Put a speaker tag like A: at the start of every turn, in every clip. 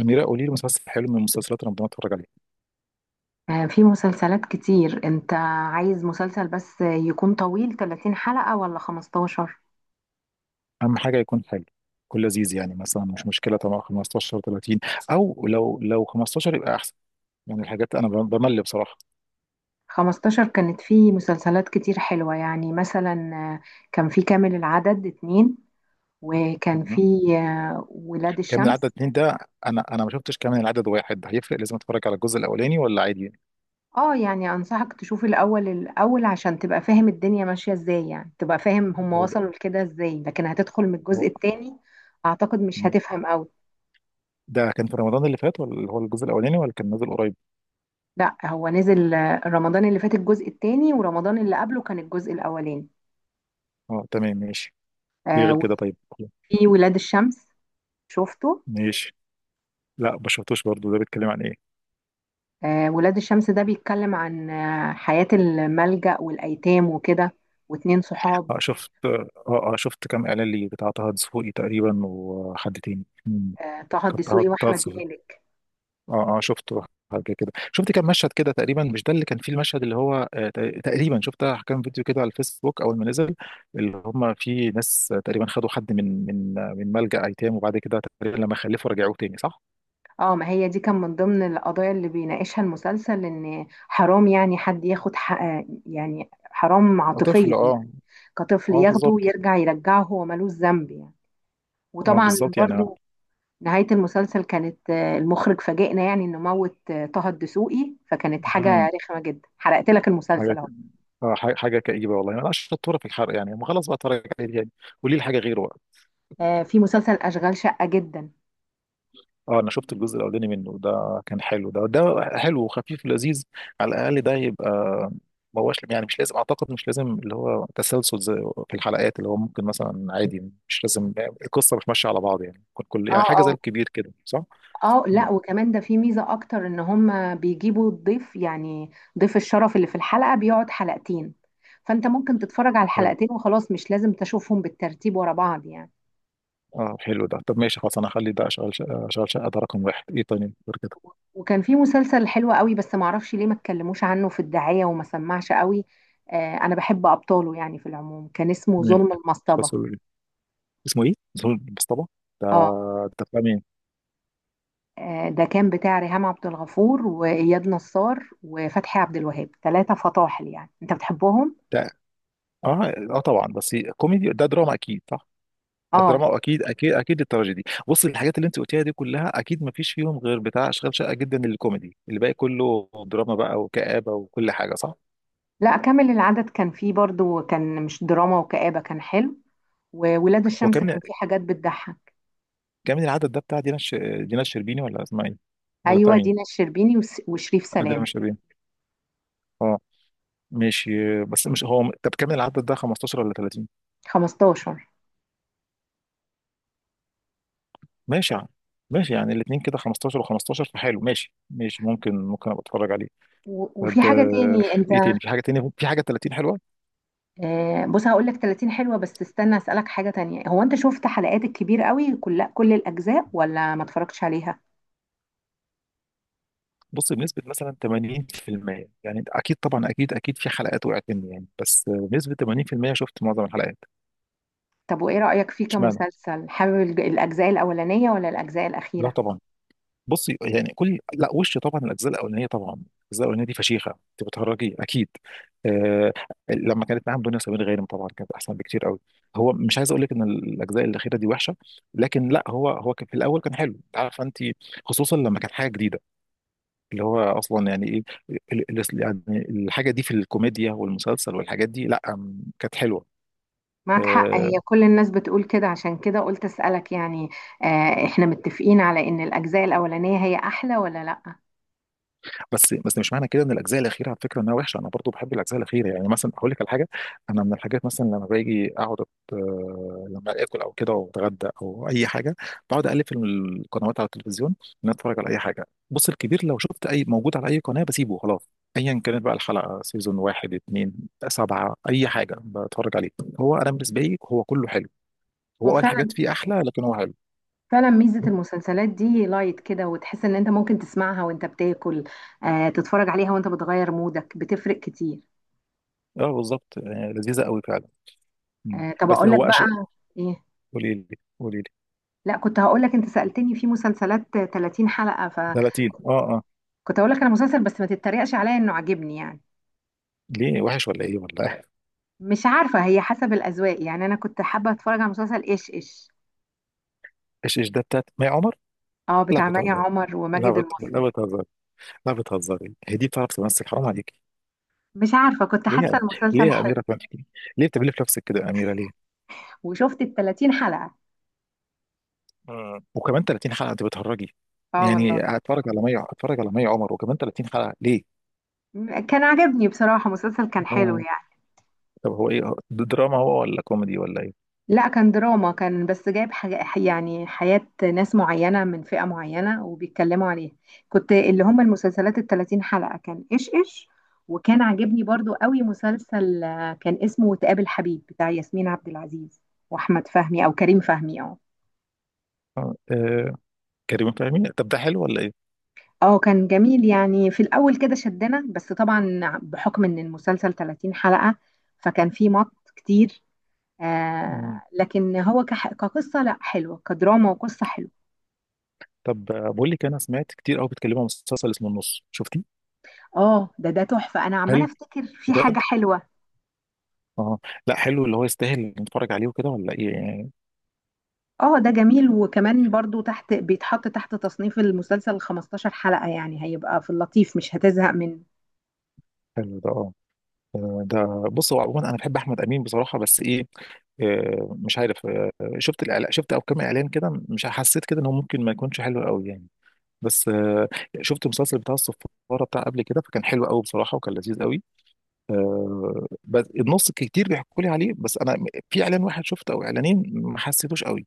A: أميرة، قولي لي مسلسل حلو من مسلسلات رمضان اتفرج عليه.
B: في مسلسلات كتير. انت عايز مسلسل بس يكون طويل 30 حلقة ولا 15.
A: أهم حاجة يكون حلو، يكون لذيذ. يعني مثلا مش مشكلة طبعا 15 30. أو لو 15 يبقى أحسن. يعني الحاجات أنا بمل بصراحة.
B: 15 كانت في مسلسلات كتير حلوة، يعني مثلا كان في كامل العدد اتنين، وكان في
A: مهم.
B: ولاد
A: كامل العدد
B: الشمس.
A: اتنين ده. أنا ما شفتش كامل العدد واحد ده، هيفرق؟ لازم أتفرج على الجزء الأولاني ولا عادي يعني؟
B: اه، يعني انصحك تشوف الاول الاول عشان تبقى فاهم الدنيا ماشية ازاي، يعني تبقى فاهم هم
A: هو ده.
B: وصلوا لكده ازاي، لكن هتدخل من الجزء
A: هو.
B: التاني، اعتقد مش
A: مم.
B: هتفهم قوي.
A: ده كان في رمضان اللي فات ولا اللي هو الجزء الأولاني، ولا كان نازل قريب؟
B: لا، هو نزل رمضان اللي فات الجزء التاني، ورمضان اللي قبله كان الجزء الاولاني.
A: أه تمام ماشي. إيه
B: آه،
A: غير كده طيب؟
B: وفي ولاد الشمس شفته.
A: ماشي. لا، ما شفتوش برضه. ده بيتكلم عن إيه؟
B: ولاد الشمس ده بيتكلم عن حياة الملجأ والأيتام وكده، واتنين صحاب.
A: أه، شفت. اه شفت كام اعلان ليه بتاع طه دسوقي تقريبا، وحد تاني. مم.
B: طه
A: كان طه
B: الدسوقي
A: طه
B: وأحمد
A: دسوقي.
B: مالك.
A: اه شفته. حاجه كده، شفت كام مشهد كده تقريبا. مش ده اللي كان فيه المشهد اللي هو تقريبا شفت كام فيديو كده على الفيسبوك اول ما نزل. اللي هم فيه ناس، تقريبا خدوا حد من ملجأ ايتام، وبعد كده تقريبا لما خلفوا رجعوه تاني، صح؟
B: اه، ما هي دي كان من ضمن القضايا اللي بيناقشها المسلسل، إن حرام يعني حد ياخد حق، يعني حرام
A: آه،
B: عاطفيا
A: طفل،
B: يعني،
A: اه.
B: كطفل
A: اه
B: ياخده
A: بالظبط.
B: ويرجع يرجعه، هو ملوش ذنب يعني.
A: اه
B: وطبعا
A: بالظبط يعني.
B: برضو نهاية المسلسل كانت، المخرج فاجئنا يعني انه موت طه الدسوقي، فكانت
A: مم.
B: حاجة رخمة جدا حرقت لك
A: حاجه.
B: المسلسل اهو.
A: اه، حاجه كئيبه والله. انا شطوره في الحرق يعني. ما خلاص بقى، اتفرج عليه يعني. قولي لي حاجه غيره.
B: في مسلسل اشغال شقة جدا.
A: اه، انا شفت الجزء الاولاني منه، ده كان حلو. ده حلو وخفيف ولذيذ. على الاقل ده يبقى. ما هوش يعني مش لازم، اعتقد مش لازم اللي هو تسلسل زي في الحلقات، اللي هو ممكن مثلا عادي، مش لازم القصه مش ماشيه على بعض يعني.
B: اه،
A: يعني حاجه زي
B: اه،
A: الكبير كده، صح؟
B: اه،
A: مم.
B: لا، وكمان ده في ميزة اكتر ان هم بيجيبوا الضيف يعني، ضيف الشرف اللي في الحلقة بيقعد حلقتين، فانت ممكن تتفرج على
A: حلو.
B: الحلقتين وخلاص، مش لازم تشوفهم بالترتيب ورا بعض يعني.
A: اه حلو ده. طب ماشي، خلاص انا هخلي ده اشغل شقه ده رقم واحد. ايه تاني غير كده؟
B: وكان في مسلسل حلو قوي بس معرفش ليه ما اتكلموش عنه في الدعاية وما سمعش قوي. آه، انا بحب ابطاله يعني في العموم، كان اسمه
A: مم.
B: ظلم المصطبة.
A: خلاص. اسمه ايه؟ زهور المصطبة، ده.
B: اه،
A: ده بتاع مين؟
B: ده كان بتاع ريهام عبد الغفور واياد نصار وفتحي عبد الوهاب، ثلاثة فطاحل يعني انت بتحبهم.
A: ده، اه طبعا. بس كوميدي، ده دراما اكيد، صح؟
B: اه،
A: الدراما اكيد اكيد اكيد التراجيدي. بص، الحاجات اللي انت قلتيها دي كلها اكيد ما فيش فيهم غير بتاع اشغال شقه جدا الكوميدي، الباقي كله دراما بقى وكآبه وكل حاجه، صح.
B: لا، كامل العدد كان فيه برضو، كان مش دراما وكآبة، كان حلو. وولاد
A: هو
B: الشمس
A: كام،
B: كان فيه حاجات بتضحك.
A: كام العدد ده بتاع دينا الش... دينا الشربيني ولا اسمها ايه؟ ولا بتاع
B: ايوه،
A: مين؟
B: دينا الشربيني وشريف
A: آه، دينا
B: سلام.
A: الشربيني. اه. ماشي. بس مش هو. طب، كام العدد ده 15 ولا 30؟
B: 15.
A: ماشي يعني. ماشي يعني الاثنين كده 15 و15 فحلو. ماشي ماشي. ممكن ابقى اتفرج عليه. طب.
B: وفي حاجة تاني
A: ايه
B: انت.
A: تاني؟ في حاجه تانية، في حاجه 30 حلوه؟
B: بص هقول لك 30 حلوة، بس استنى أسألك حاجة تانية، هو أنت شفت حلقات الكبير قوي كل الأجزاء ولا ما اتفرجتش عليها؟
A: بص، بنسبة مثلا 80% يعني، انت اكيد طبعا، اكيد اكيد في حلقات وقعت مني يعني، بس بنسبة 80% شفت معظم الحلقات.
B: طب وإيه رأيك فيه
A: اشمعنى؟
B: كمسلسل؟ حابب الأجزاء الأولانية ولا الأجزاء
A: لا
B: الأخيرة؟
A: طبعا. بصي يعني، كل، لا وش، طبعا الاجزاء الاولانيه. طبعا الاجزاء الاولانيه دي فشيخه، انت بتهرجي اكيد. آه. لما كانت معاهم دنيا سمير غانم طبعا كانت احسن بكتير قوي. هو مش عايز اقول لك ان الاجزاء الاخيره دي وحشه. لكن لا. هو كان في الاول كان حلو، عارفه انت. خصوصا لما كانت حاجه جديده، اللي هو اصلا يعني ايه، يعني الحاجه دي في الكوميديا والمسلسل والحاجات دي، لا كانت حلوه.
B: معك حق،
A: آه،
B: هي كل الناس بتقول كده، عشان كده قلت أسألك يعني. إحنا متفقين على إن الأجزاء الأولانية هي أحلى ولا لأ؟
A: بس مش معنى كده ان الاجزاء الاخيره، على فكره، انها وحشه. انا برضو بحب الاجزاء الاخيره، يعني مثلا اقول لك على حاجه. انا من الحاجات مثلا لما باجي اقعد لما اكل او كده واتغدى او اي حاجه، بقعد اقلب في القنوات على التلفزيون، ان أنا اتفرج على اي حاجه. بص، الكبير لو شفت اي موجود على اي قناه بسيبه خلاص، ايا كانت بقى الحلقه، سيزون واحد، اتنين، سبعه، اي حاجه بتفرج عليه. هو انا بالنسبه لي هو كله حلو.
B: هو
A: هو قال حاجات
B: فعلا
A: فيه احلى، لكن هو حلو.
B: فعلا ميزة المسلسلات دي لايت كده، وتحس إن أنت ممكن تسمعها وأنت بتاكل، تتفرج عليها وأنت بتغير مودك، بتفرق كتير.
A: اه بالظبط. لذيذه قوي فعلا. مم.
B: طب
A: بس
B: أقول لك
A: هو أش...
B: بقى إيه؟
A: قولي لي، قولي لي.
B: لا، كنت هقول لك انت سألتني في مسلسلات 30 حلقة،
A: 30. اه
B: فكنت
A: اه
B: هقول لك انا مسلسل بس ما تتريقش عليا انه عاجبني يعني.
A: ليه وحش ولا ايه ولا إيه؟
B: مش عارفة، هي حسب الأذواق يعني، انا كنت حابة اتفرج على مسلسل ايش ايش.
A: ايش ايش ده بتاعت مي عمر؟
B: اه،
A: لا
B: بتاع مي
A: بتهزري.
B: عمر
A: لا
B: وماجد المصري.
A: لا بتهزري. لا بتهزري، هي دي بتعرف تمثل؟ حرام عليكي.
B: مش عارفة، كنت
A: ليه
B: حاسة
A: ليه
B: المسلسل
A: يا
B: حلو.
A: اميره فهمي؟ ليه بتعملي في نفسك كده يا اميره ليه؟
B: وشفت ال 30 حلقة.
A: مم. وكمان 30 حلقه، انت بتهرجي؟
B: اه، والله
A: يعني هتفرج على مي عمر، وكمان 30 حلقه، ليه؟
B: كان عاجبني بصراحة، مسلسل كان حلو
A: آه.
B: يعني.
A: طب، هو ايه؟ ده دراما هو ولا كوميدي ولا ايه؟
B: لا، كان دراما، كان بس جايب حاجة يعني حياة ناس معينة من فئة معينة وبيتكلموا عليها. كنت اللي هم المسلسلات التلاتين حلقة كان إيش إيش. وكان عاجبني برضو قوي مسلسل، كان اسمه وتقابل حبيب بتاع ياسمين عبد العزيز وأحمد فهمي أو كريم فهمي. أه
A: آه. كريم فهمي، طب ده حلو ولا ايه؟
B: اه كان جميل يعني، في الأول كده شدنا، بس طبعا بحكم إن المسلسل 30 حلقة فكان فيه مط كتير. آه،
A: مم.
B: لكن هو كقصة، لا، حلوة كدراما وقصة حلوة.
A: طب، بقول لك، انا سمعت كتير قوي بيتكلموا عن مسلسل اسمه النص، شفتيه؟
B: اه، ده تحفة، انا عمالة
A: حلو.
B: افتكر في حاجة
A: بجد.
B: حلوة.
A: اه. لا حلو، اللي هو يستاهل نتفرج عليه وكده، ولا ايه يعني؟
B: اه، ده جميل، وكمان برضو تحت بيتحط تحت تصنيف المسلسل 15 حلقة، يعني هيبقى في اللطيف مش هتزهق منه.
A: حلو ده، اه. ده. بص، هو عموما انا بحب احمد امين بصراحه، بس ايه، مش عارف، شفت شفت او كام اعلان كده، مش حسيت كده انه ممكن ما يكونش حلو قوي يعني. بس. شفت المسلسل بتاع الصفاره بتاع قبل كده، فكان حلو قوي بصراحه وكان لذيذ قوي. بس النص كتير بيحكوا لي عليه، بس انا في اعلان واحد شفته او اعلانين ما حسيتوش قوي.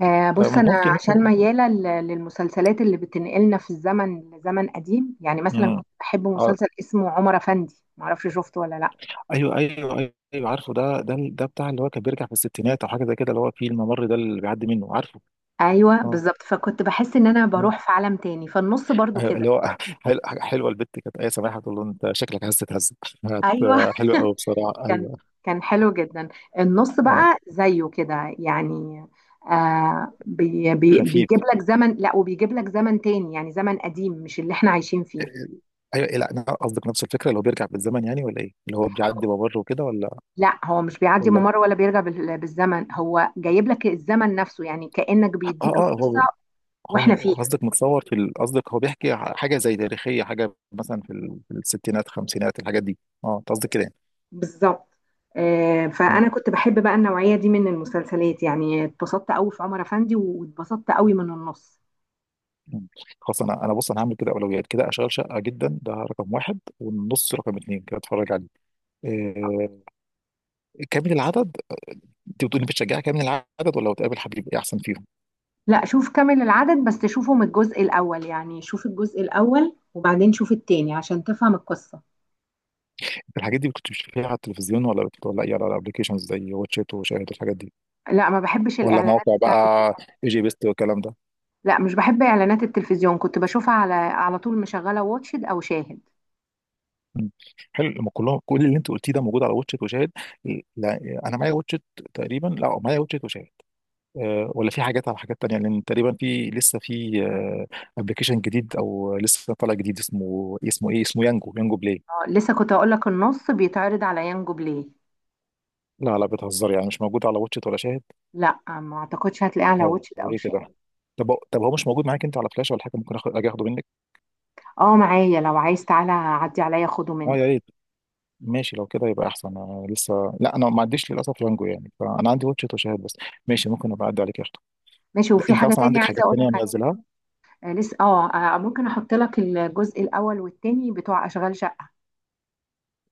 B: آه، بص انا
A: فممكن
B: عشان
A: ممكن
B: ميالة للمسلسلات اللي بتنقلنا في الزمن لزمن قديم، يعني مثلا
A: مم.
B: كنت بحب
A: آه،
B: مسلسل اسمه عمر افندي، معرفش شفته ولا لا.
A: ايوه ايوه. ايوه عارفه ده. ده بتاع اللي هو كان بيرجع في الستينات او حاجه زي كده، اللي هو فيه الممر ده اللي بيعدي منه، عارفه.
B: ايوه
A: اه.
B: بالظبط، فكنت بحس ان انا
A: مم.
B: بروح في عالم تاني، فالنص برضو
A: ايوه،
B: كده.
A: اللي هو حلوه، البت كانت ايه، سماحه، تقول له انت شكلك عايز تتهز هت...
B: ايوه.
A: حلو قوي بصراحه،
B: كان
A: ايوه.
B: كان حلو جدا. النص
A: اه.
B: بقى زيه كده يعني، آه بي بي
A: خفيف.
B: بيجيب لك زمن، لا، وبيجيب لك زمن تاني يعني، زمن قديم مش اللي احنا عايشين
A: آه،
B: فيه.
A: ايوه. إيه، لا انا قصدك نفس الفكره اللي هو بيرجع بالزمن يعني، ولا ايه، اللي هو بيعدي ممر وكده، ولا.
B: لا، هو مش بيعدي
A: ولا.
B: ممر ولا بيرجع بالزمن، هو جايب لك الزمن نفسه يعني، كأنك
A: اه
B: بيديك
A: اه
B: القصة
A: هو، هو
B: واحنا فيها.
A: قصدك متصور قصدك هو بيحكي حاجة زي تاريخية، حاجة مثلا في الستينات خمسينات، الحاجات دي. اه، انت قصدك كده يعني.
B: بالظبط.
A: آه،
B: فأنا كنت بحب بقى النوعية دي من المسلسلات يعني، اتبسطت قوي في عمر أفندي، واتبسطت قوي من النص.
A: مم. خلاص. انا بص، انا هعمل كده اولويات كده. اشغال شقة جدا ده رقم واحد، والنص رقم اتنين، كده اتفرج عليه. آه. كامل العدد، انت بتقولي بتشجعي كامل العدد ولا بتقابل حبيب، ايه احسن فيهم؟
B: لا، شوف كامل العدد بس شوفه من الجزء الأول، يعني شوف الجزء الأول وبعدين شوف التاني عشان تفهم القصة.
A: الحاجات دي كنت بتشوفيها على التلفزيون ولا ولا ايه، على الابلكيشنز زي واتشيت وشاهد الحاجات دي،
B: لا، ما بحبش
A: ولا
B: الإعلانات
A: مواقع بقى،
B: بتاعة التلفزيون.
A: اي جي بيست والكلام ده؟
B: لا، مش بحب إعلانات التلفزيون، كنت بشوفها على على طول مشغلة واتشد أو شاهد.
A: مم. حلو، لما كلهم، كل اللي انت قلتيه ده موجود على واتشت وشاهد. لا، انا معايا واتشت، تقريبا لا معايا واتشت وشاهد. أه، ولا في حاجات على حاجات تانية، لان تقريبا في لسه في ابلكيشن جديد او لسه طالع جديد اسمه، اسمه ايه اسمه يانجو، يانجو بلاي.
B: لسه كنت أقول لك النص بيتعرض على يانجو بلاي.
A: لا لا بتهزر يعني، مش موجود على واتشت ولا شاهد؟
B: لا، ما أعتقدش هتلاقيه على
A: طب
B: واتشد أو
A: ليه
B: شاهد.
A: كده؟ طب هو مش موجود معاك انت على فلاش ولا حاجه؟ ممكن اخد، اجي اخده منك.
B: اه، معايا، لو عايز تعالى عدي عليا خده
A: اه
B: مني.
A: يا ريت. ماشي لو كده يبقى احسن، انا لسه، لا انا ما عنديش للاسف يانجو يعني، فانا عندي واتشت وشاهد بس. ماشي ممكن ابقى اعدي عليك.
B: ماشي، وفي
A: انت
B: حاجة
A: اصلا
B: تانية
A: عندك
B: عايزة
A: حاجات
B: أقول لك
A: تانية
B: عليها.
A: منزلها؟
B: لسه اه. ممكن أحط لك الجزء الأول والتاني بتوع أشغال شقة.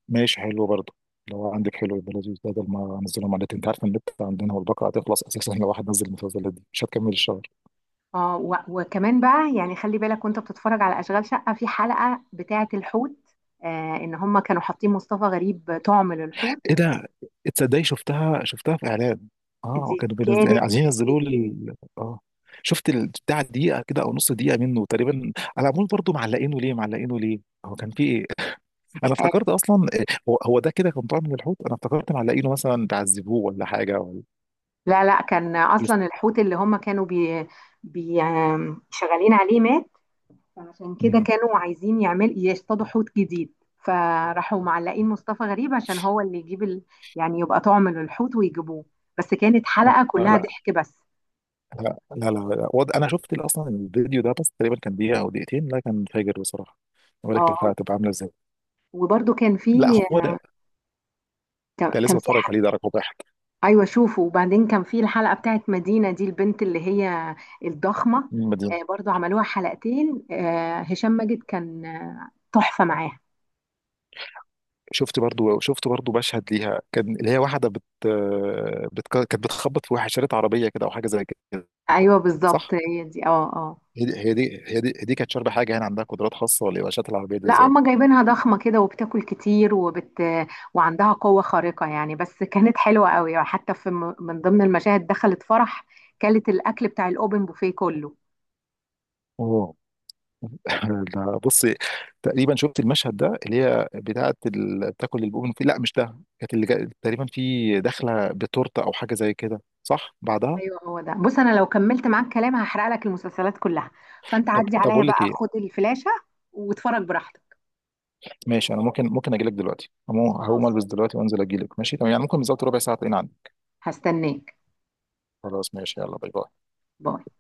A: ماشي حلو برضه، لو عندك حلو يبقى لذيذ، بدل ما انزلهم على النت. انت عارف ان النت عندنا والباقه هتخلص اساسا، لو واحد نزل المسلسلات دي مش هتكمل الشهر.
B: اه، وكمان بقى يعني خلي بالك وانت بتتفرج على اشغال شقه في حلقه بتاعه الحوت. آه، ان هم كانوا حاطين مصطفى غريب طعم للحوت.
A: ايه ده؟ تصدقي شفتها في اعلان. اه،
B: دي
A: كانوا بينزل يعني،
B: كانت
A: عايزين ينزلوه
B: مميتة.
A: لل، اه. شفت البتاع دقيقه كده او نص دقيقه منه تقريبا على عمول برضه. معلقينه ليه، معلقينه ليه؟ هو كان في ايه؟ انا
B: آه،
A: افتكرت اصلا، هو ده كده كان طالع من الحوت، انا افتكرت معلقينه مثلا بيعذبوه ولا حاجه، ولا.
B: لا، لا، كان
A: بيست...
B: اصلا الحوت اللي هم كانوا بي بي آم، شغالين عليه مات، فعشان كده
A: مم.
B: كانوا عايزين يعمل يصطادوا حوت جديد. فراحوا معلقين مصطفى غريب عشان هو اللي يجيب ال... يعني يبقى طعم للحوت ويجيبوه. بس كانت حلقه كلها
A: لا
B: ضحك بس.
A: لا لا لا, لا. وض... انا شفت اصلا الفيديو ده بس تقريبا كان دقيقه او دقيقتين، لا كان فاجر بصراحه. ما بالك الحلقه
B: اه،
A: تبقى عامله ازاي.
B: وبرده كان
A: لا
B: في
A: هو ده. ده
B: كان
A: لسه
B: في
A: بتفرج عليه، ده رقم واحد.
B: ايوه، شوفوا. وبعدين كان في الحلقه بتاعت مدينه دي، البنت اللي هي الضخمه.
A: من المدينه.
B: آه، برضو عملوها حلقتين. آه، هشام ماجد كان تحفه معاها.
A: شفت برضو مشهد ليها كان، اللي هي واحده بت... بت... كانت بتخبط في واحد شريط عربيه كده او حاجه زي كده،
B: ايوه، بالظبط
A: صح.
B: هي دي. اه، اه.
A: هي دي كانت شاربه حاجه هنا، عندها قدرات خاصه ولا ايه، شات العربيه دي
B: لا،
A: ازاي؟
B: هما جايبينها ضخمه كده وبتاكل كتير وعندها قوه خارقه يعني، بس كانت حلوه قوي. وحتى في من ضمن المشاهد دخلت فرح كلت الاكل بتاع الاوبن بوفيه كله.
A: اوه. لا، بصي. تقريبا شفت المشهد ده، اللي هي بتاعه بتاكل البومن في، لا مش ده. كانت اللي جا... تقريبا في داخله بتورته او حاجه زي كده، صح، بعدها.
B: ايوه، هو ده، بص انا لو كملت معاك كلام هحرق لك المسلسلات كلها. فانت
A: طب
B: عدي
A: طب
B: عليا
A: اقول لك
B: بقى،
A: ايه.
B: خد الفلاشه واتفرج براحتك.
A: ماشي، انا ممكن اجي لك دلوقتي. هقوم
B: خلاص،
A: البس دلوقتي وانزل اجي لك. ماشي تمام يعني، ممكن بالظبط ربع ساعه تلاقيني عندي.
B: هستناك.
A: خلاص ماشي، يلا باي باي.
B: باي.